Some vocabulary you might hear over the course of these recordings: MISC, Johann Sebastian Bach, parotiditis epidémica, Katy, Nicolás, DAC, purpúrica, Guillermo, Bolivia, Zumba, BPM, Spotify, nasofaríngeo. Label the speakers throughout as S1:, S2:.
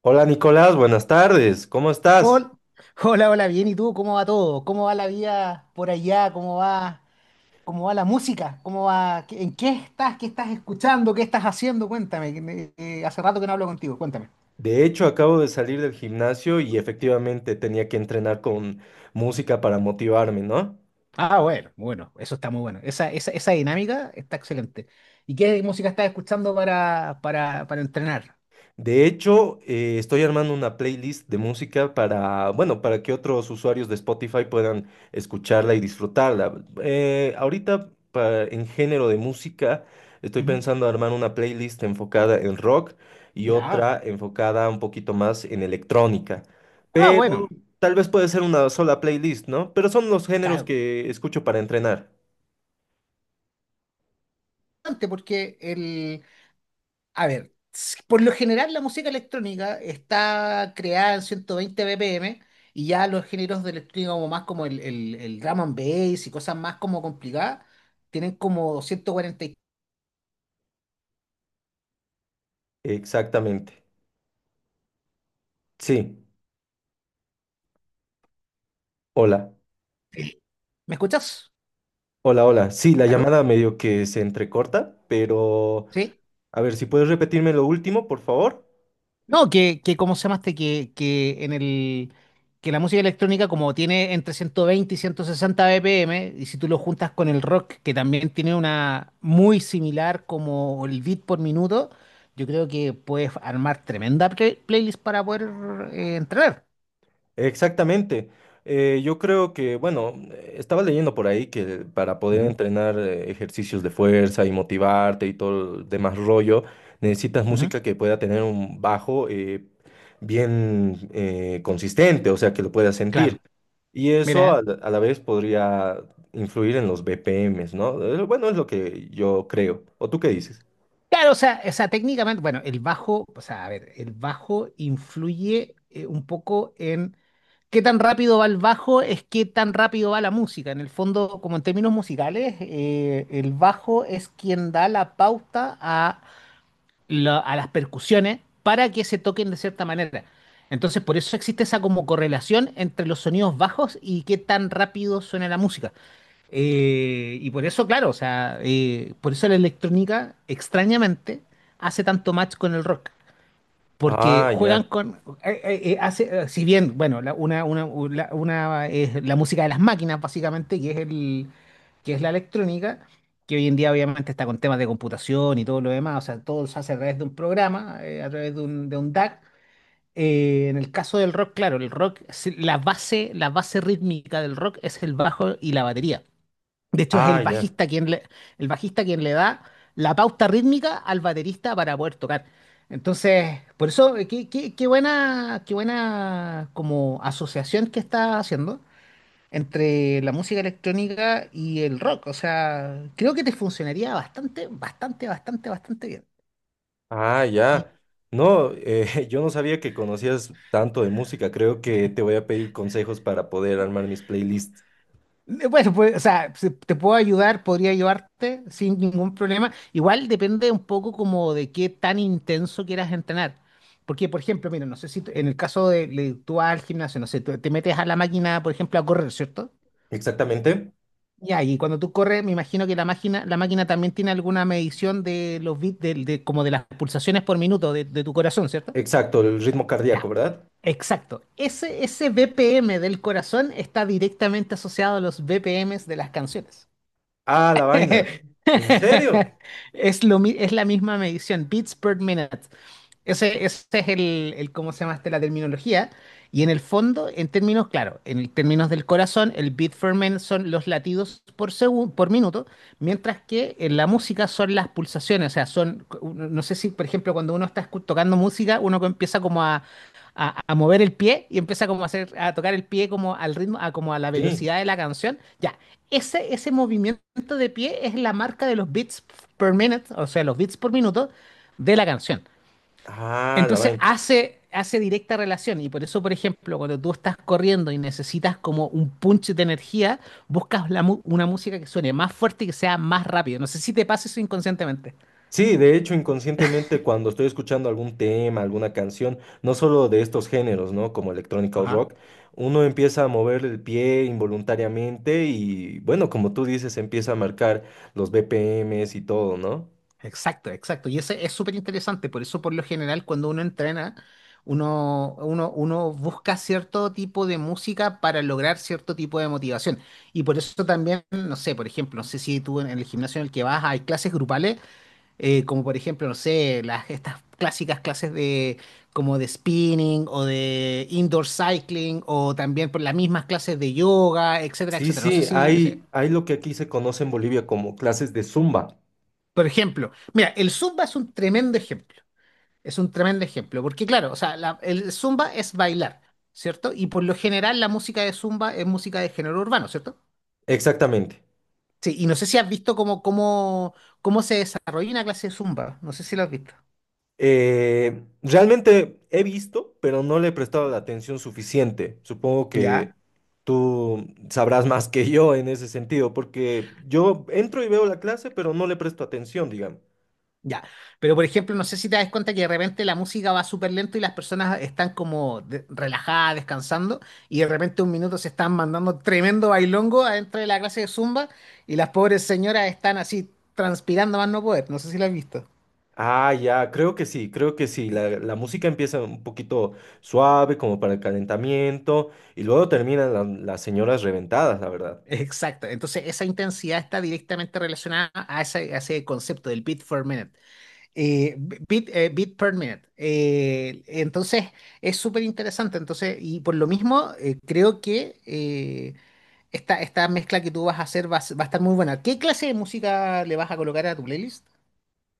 S1: Hola Nicolás, buenas tardes, ¿cómo estás?
S2: Hol- Hola, hola, bien. ¿Y tú? ¿Cómo va todo? ¿Cómo va la vida por allá? ¿Cómo va la música? ¿Cómo va? ¿En qué estás? ¿Qué estás escuchando? ¿Qué estás haciendo? Cuéntame. Hace rato que no hablo contigo. Cuéntame.
S1: De hecho, acabo de salir del gimnasio y efectivamente tenía que entrenar con música para motivarme, ¿no?
S2: Ah, bueno, bueno, eso está muy bueno. Esa dinámica está excelente. ¿Y qué música estás escuchando para entrenar?
S1: De hecho, estoy armando una playlist de música para, bueno, para que otros usuarios de Spotify puedan escucharla y disfrutarla. Ahorita, en género de música, estoy
S2: Ujú.
S1: pensando armar una playlist enfocada en rock y
S2: Ya.
S1: otra enfocada un poquito más en electrónica.
S2: Ah,
S1: Pero
S2: bueno,
S1: tal vez puede ser una sola playlist, ¿no? Pero son los géneros
S2: claro.
S1: que escucho para entrenar.
S2: Importante. A ver, por lo general la música electrónica está creada en 120 BPM, y ya los géneros de electrónica como más como el drum and bass y cosas más como complicadas tienen como 143.
S1: Exactamente. Sí. Hola.
S2: ¿Me escuchas?
S1: Hola, hola. Sí, la
S2: ¿Aló?
S1: llamada medio que se entrecorta, pero
S2: ¿Sí?
S1: a ver, si puedes repetirme lo último, por favor.
S2: No, que ¿cómo se llamaste? Que en el que la música electrónica como tiene entre 120 y 160 BPM, y si tú lo juntas con el rock, que también tiene una muy similar como el beat por minuto, yo creo que puedes armar tremenda playlist para poder entrenar.
S1: Exactamente. Yo creo que, bueno, estaba leyendo por ahí que para poder
S2: Ujú,
S1: entrenar ejercicios de fuerza y motivarte y todo el demás rollo, necesitas
S2: ujú.
S1: música que pueda tener un bajo bien consistente, o sea, que lo puedas sentir.
S2: Claro,
S1: Y
S2: mira.
S1: eso a
S2: ¿Eh?
S1: la, a la vez podría influir en los BPMs, ¿no? Bueno, es lo que yo creo. ¿O tú qué dices?
S2: Claro, o sea, técnicamente, bueno, el bajo, o sea, a ver, el bajo influye un poco en qué tan rápido va el bajo, es qué tan rápido va la música. En el fondo, como en términos musicales, el bajo es quien da la pauta a las percusiones para que se toquen de cierta manera. Entonces, por eso existe esa como correlación entre los sonidos bajos y qué tan rápido suena la música. Y por eso, claro, o sea, por eso la electrónica, extrañamente, hace tanto match con el rock, porque
S1: Ah,
S2: juegan
S1: ya.
S2: con, si bien, bueno, la, una es la música de las máquinas, básicamente, que es la electrónica, que hoy en día obviamente está con temas de computación y todo lo demás, o sea, todo se hace a través de un programa, a través de un DAC. En el caso del rock, claro, el rock, la base rítmica del rock es el bajo y la batería. De hecho, es
S1: Ah, ya.
S2: el bajista quien le da la pauta rítmica al baterista para poder tocar. Entonces, por eso, qué buena como asociación que está haciendo entre la música electrónica y el rock. O sea, creo que te funcionaría bastante, bastante, bastante, bastante bien.
S1: Ah, ya. No, yo no sabía que conocías tanto de música. Creo que te voy a pedir consejos para poder armar mis playlists.
S2: Bueno, pues, o sea, si te puedo ayudar, podría ayudarte sin ningún problema. Igual depende un poco como de qué tan intenso quieras entrenar. Porque, por ejemplo, mira, no sé si en el caso tú vas al gimnasio, no sé, tú te metes a la máquina, por ejemplo, a correr, ¿cierto?
S1: Exactamente.
S2: Ya, y cuando tú corres, me imagino que la máquina también tiene alguna medición de los bits, como de las pulsaciones por minuto de tu corazón, ¿cierto?
S1: Exacto, el ritmo cardíaco,
S2: Ya,
S1: ¿verdad?
S2: exacto. Ese BPM del corazón está directamente asociado a los BPMs de las canciones.
S1: Ah, la vaina. ¿En serio?
S2: Es la misma medición, beats per minute. Ese es ¿cómo se llama este? La terminología. Y en el fondo, en términos, claro, en términos del corazón, el beat per minute son los latidos por segundo, por minuto, mientras que en la música son las pulsaciones. O sea, no sé si, por ejemplo, cuando uno está tocando música, uno empieza como a mover el pie y empieza como a hacer, a tocar el pie como al ritmo, a, como a la
S1: Sí.
S2: velocidad de la canción. Ya, ese movimiento de pie es la marca de los beats per minute, o sea, los beats por minuto de la canción.
S1: Ah, la
S2: Entonces
S1: vaina.
S2: hace directa relación y por eso, por ejemplo, cuando tú estás corriendo y necesitas como un punch de energía, buscas una música que suene más fuerte y que sea más rápido. No sé si te pasa eso inconscientemente.
S1: Sí, de hecho, inconscientemente cuando estoy escuchando algún tema, alguna canción, no solo de estos géneros, ¿no? Como electrónica o
S2: Ajá.
S1: rock, uno empieza a mover el pie involuntariamente y, bueno, como tú dices, empieza a marcar los BPMs y todo, ¿no?
S2: Exacto, exacto. Y ese es súper interesante. Por eso, por lo general, cuando uno entrena, uno busca cierto tipo de música para lograr cierto tipo de motivación. Y por eso también, no sé, por ejemplo, no sé si tú en el gimnasio en el que vas hay clases grupales, como por ejemplo, no sé, estas clásicas clases de, como de spinning o de indoor cycling, o también por las mismas clases de yoga, etcétera,
S1: Sí,
S2: etcétera. No sé
S1: sí,
S2: si, o sea,
S1: hay lo que aquí se conoce en Bolivia como clases de Zumba.
S2: por ejemplo, mira, el Zumba es un tremendo ejemplo. Es un tremendo ejemplo, porque claro, o sea, el zumba es bailar, ¿cierto? Y por lo general la música de zumba es música de género urbano, ¿cierto?
S1: Exactamente.
S2: Sí, y no sé si has visto cómo se desarrolla una clase de zumba, no sé si lo has visto.
S1: Realmente he visto, pero no le he prestado la atención suficiente. Supongo que
S2: Ya,
S1: tú sabrás más que yo en ese sentido, porque yo entro y veo la clase, pero no le presto atención, digamos.
S2: ya. Pero por ejemplo, no sé si te das cuenta que de repente la música va súper lento y las personas están como relajadas, descansando, y de repente, un minuto, se están mandando tremendo bailongo adentro de la clase de zumba y las pobres señoras están así transpirando más no poder, no sé si lo has visto.
S1: Ah, ya, creo que sí, creo que sí. La música empieza un poquito suave, como para el calentamiento, y luego terminan las señoras reventadas, la verdad.
S2: Exacto. Entonces, esa intensidad está directamente relacionada a ese concepto del beat per minute. Beat per minute. Entonces, es súper interesante. Entonces, y por lo mismo, creo que esta mezcla que tú vas a hacer va a estar muy buena. ¿Qué clase de música le vas a colocar a tu playlist?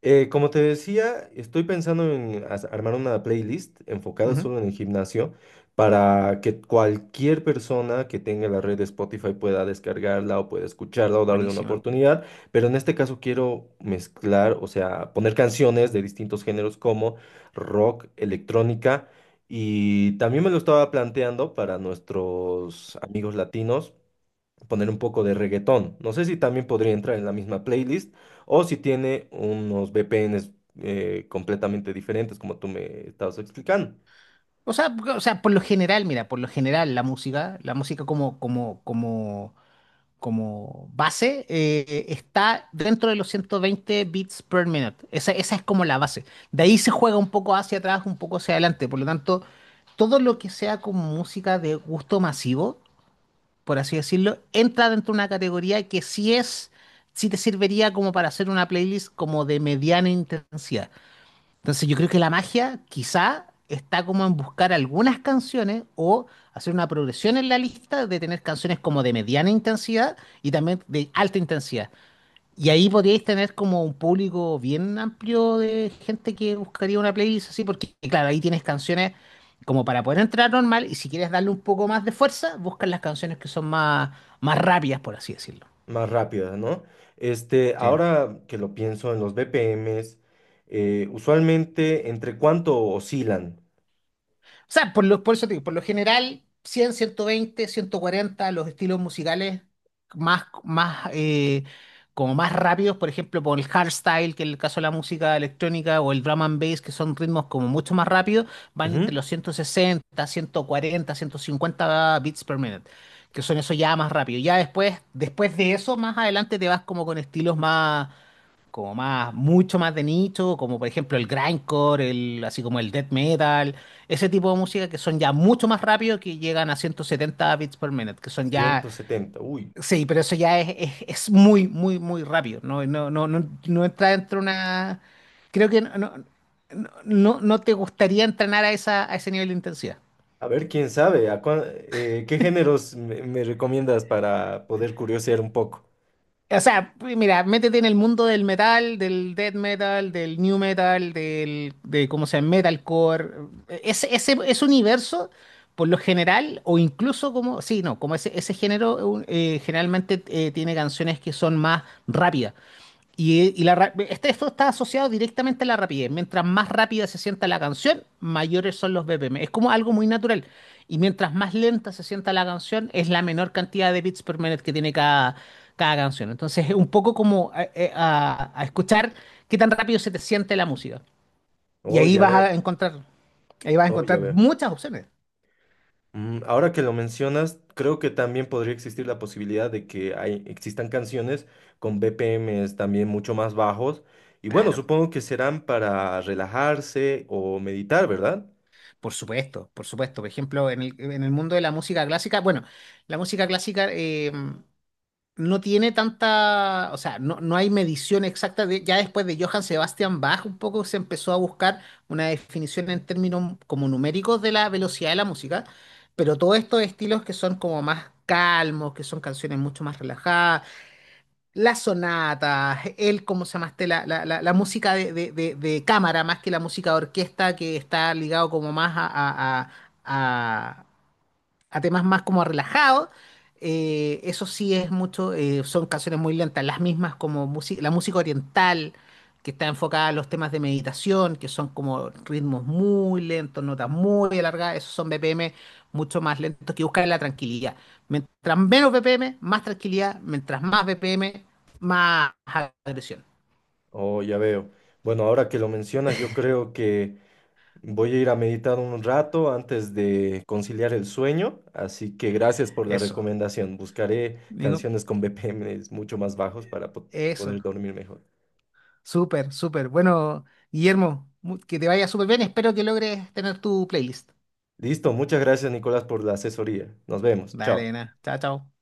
S1: Como te decía, estoy pensando en armar una playlist enfocada
S2: Ujú.
S1: solo en el gimnasio para que cualquier persona que tenga la red de Spotify pueda descargarla o pueda escucharla o darle una
S2: Buenísima.
S1: oportunidad. Pero en este caso quiero mezclar, o sea, poner canciones de distintos géneros como rock, electrónica y también me lo estaba planteando para nuestros amigos latinos poner un poco de reggaetón. No sé si también podría entrar en la misma playlist o si tiene unos VPNs completamente diferentes, como tú me estabas explicando,
S2: O sea, por lo general, mira, por lo general, la música como base está dentro de los 120 bits per minute. Esa es como la base. De ahí se juega un poco hacia atrás, un poco hacia adelante. Por lo tanto, todo lo que sea como música de gusto masivo, por así decirlo, entra dentro de una categoría que sí te serviría como para hacer una playlist como de mediana intensidad. Entonces, yo creo que la magia quizá está como en buscar algunas canciones o hacer una progresión en la lista, de tener canciones como de mediana intensidad y también de alta intensidad. Y ahí podríais tener como un público bien amplio de gente que buscaría una playlist así, porque claro, ahí tienes canciones como para poder entrar normal, y si quieres darle un poco más de fuerza, buscas las canciones que son más, más rápidas, por así decirlo.
S1: más rápidas, ¿no? Este,
S2: Sí.
S1: ahora que lo pienso en los BPMs, usualmente, ¿entre cuánto oscilan?
S2: O sea, por eso te digo, por lo general, 100, 120, 140, los estilos musicales más, más, eh, como más rápidos, por ejemplo, por el hardstyle, que en el caso de la música electrónica, o el drum and bass, que son ritmos como mucho más rápidos, van entre
S1: Ujú,
S2: los 160, 140, 150 beats per minute, que son esos ya más rápidos. Ya después, después de eso, más adelante te vas como con estilos más, mucho más de nicho, como por ejemplo el grindcore, el, así como el death metal, ese tipo de música que son ya mucho más rápido, que llegan a 170 bits por minute, que son ya,
S1: 170, uy.
S2: sí, pero eso ya es muy, muy, muy rápido, no, no, no, no, no entra dentro de una, creo que no, no, no, no te gustaría entrenar a esa, a ese nivel de intensidad.
S1: A ver, quién sabe, ¿qué géneros me, me recomiendas para poder curiosear un poco?
S2: O sea, mira, métete en el mundo del metal, del death metal, del new metal, del, de cómo se llama, metalcore. Ese universo, por lo general, o incluso como, sí, no, como ese género generalmente tiene canciones que son más rápidas. Y esto está asociado directamente a la rapidez. Mientras más rápida se sienta la canción, mayores son los BPM. Es como algo muy natural. Y mientras más lenta se sienta la canción, es la menor cantidad de beats per minute que tiene cada canción. Entonces, es un poco como a escuchar qué tan rápido se te siente la música. Y
S1: Oh, ya veo,
S2: ahí vas a
S1: oh, ya
S2: encontrar
S1: veo.
S2: muchas opciones.
S1: Mm, ahora que lo mencionas, creo que también podría existir la posibilidad de que existan canciones con BPMs también mucho más bajos. Y bueno,
S2: Claro,
S1: supongo que serán para relajarse o meditar, ¿verdad?
S2: por supuesto, por supuesto. Por ejemplo, en el mundo de la música clásica, bueno, la música clásica, no tiene tanta, o sea, no hay medición exacta. Ya después de Johann Sebastian Bach, un poco se empezó a buscar una definición en términos como numéricos de la velocidad de la música, pero todos estos estilos que son como más calmos, que son canciones mucho más relajadas, las sonatas, ¿cómo se llama este? La música de cámara, más que la música de orquesta, que está ligado como más a, a- a temas más como relajados. Eso sí es mucho, son canciones muy lentas, las mismas como música, la música oriental, que está enfocada a los temas de meditación, que son como ritmos muy lentos, notas muy alargadas, esos son BPM mucho más lentos que buscan la tranquilidad. Mientras menos BPM, más tranquilidad, mientras más BPM, más agresión.
S1: Oh, ya veo. Bueno, ahora que lo mencionas, yo creo que voy a ir a meditar un rato antes de conciliar el sueño. Así que gracias por la
S2: Eso,
S1: recomendación. Buscaré
S2: digo,
S1: canciones con BPMs mucho más bajos para
S2: eso,
S1: poder dormir mejor.
S2: súper, súper. Bueno, Guillermo, que te vaya súper bien, espero que logres tener tu playlist.
S1: Listo, muchas gracias Nicolás por la asesoría. Nos vemos,
S2: Dale,
S1: chao.
S2: nena. Chao, chao.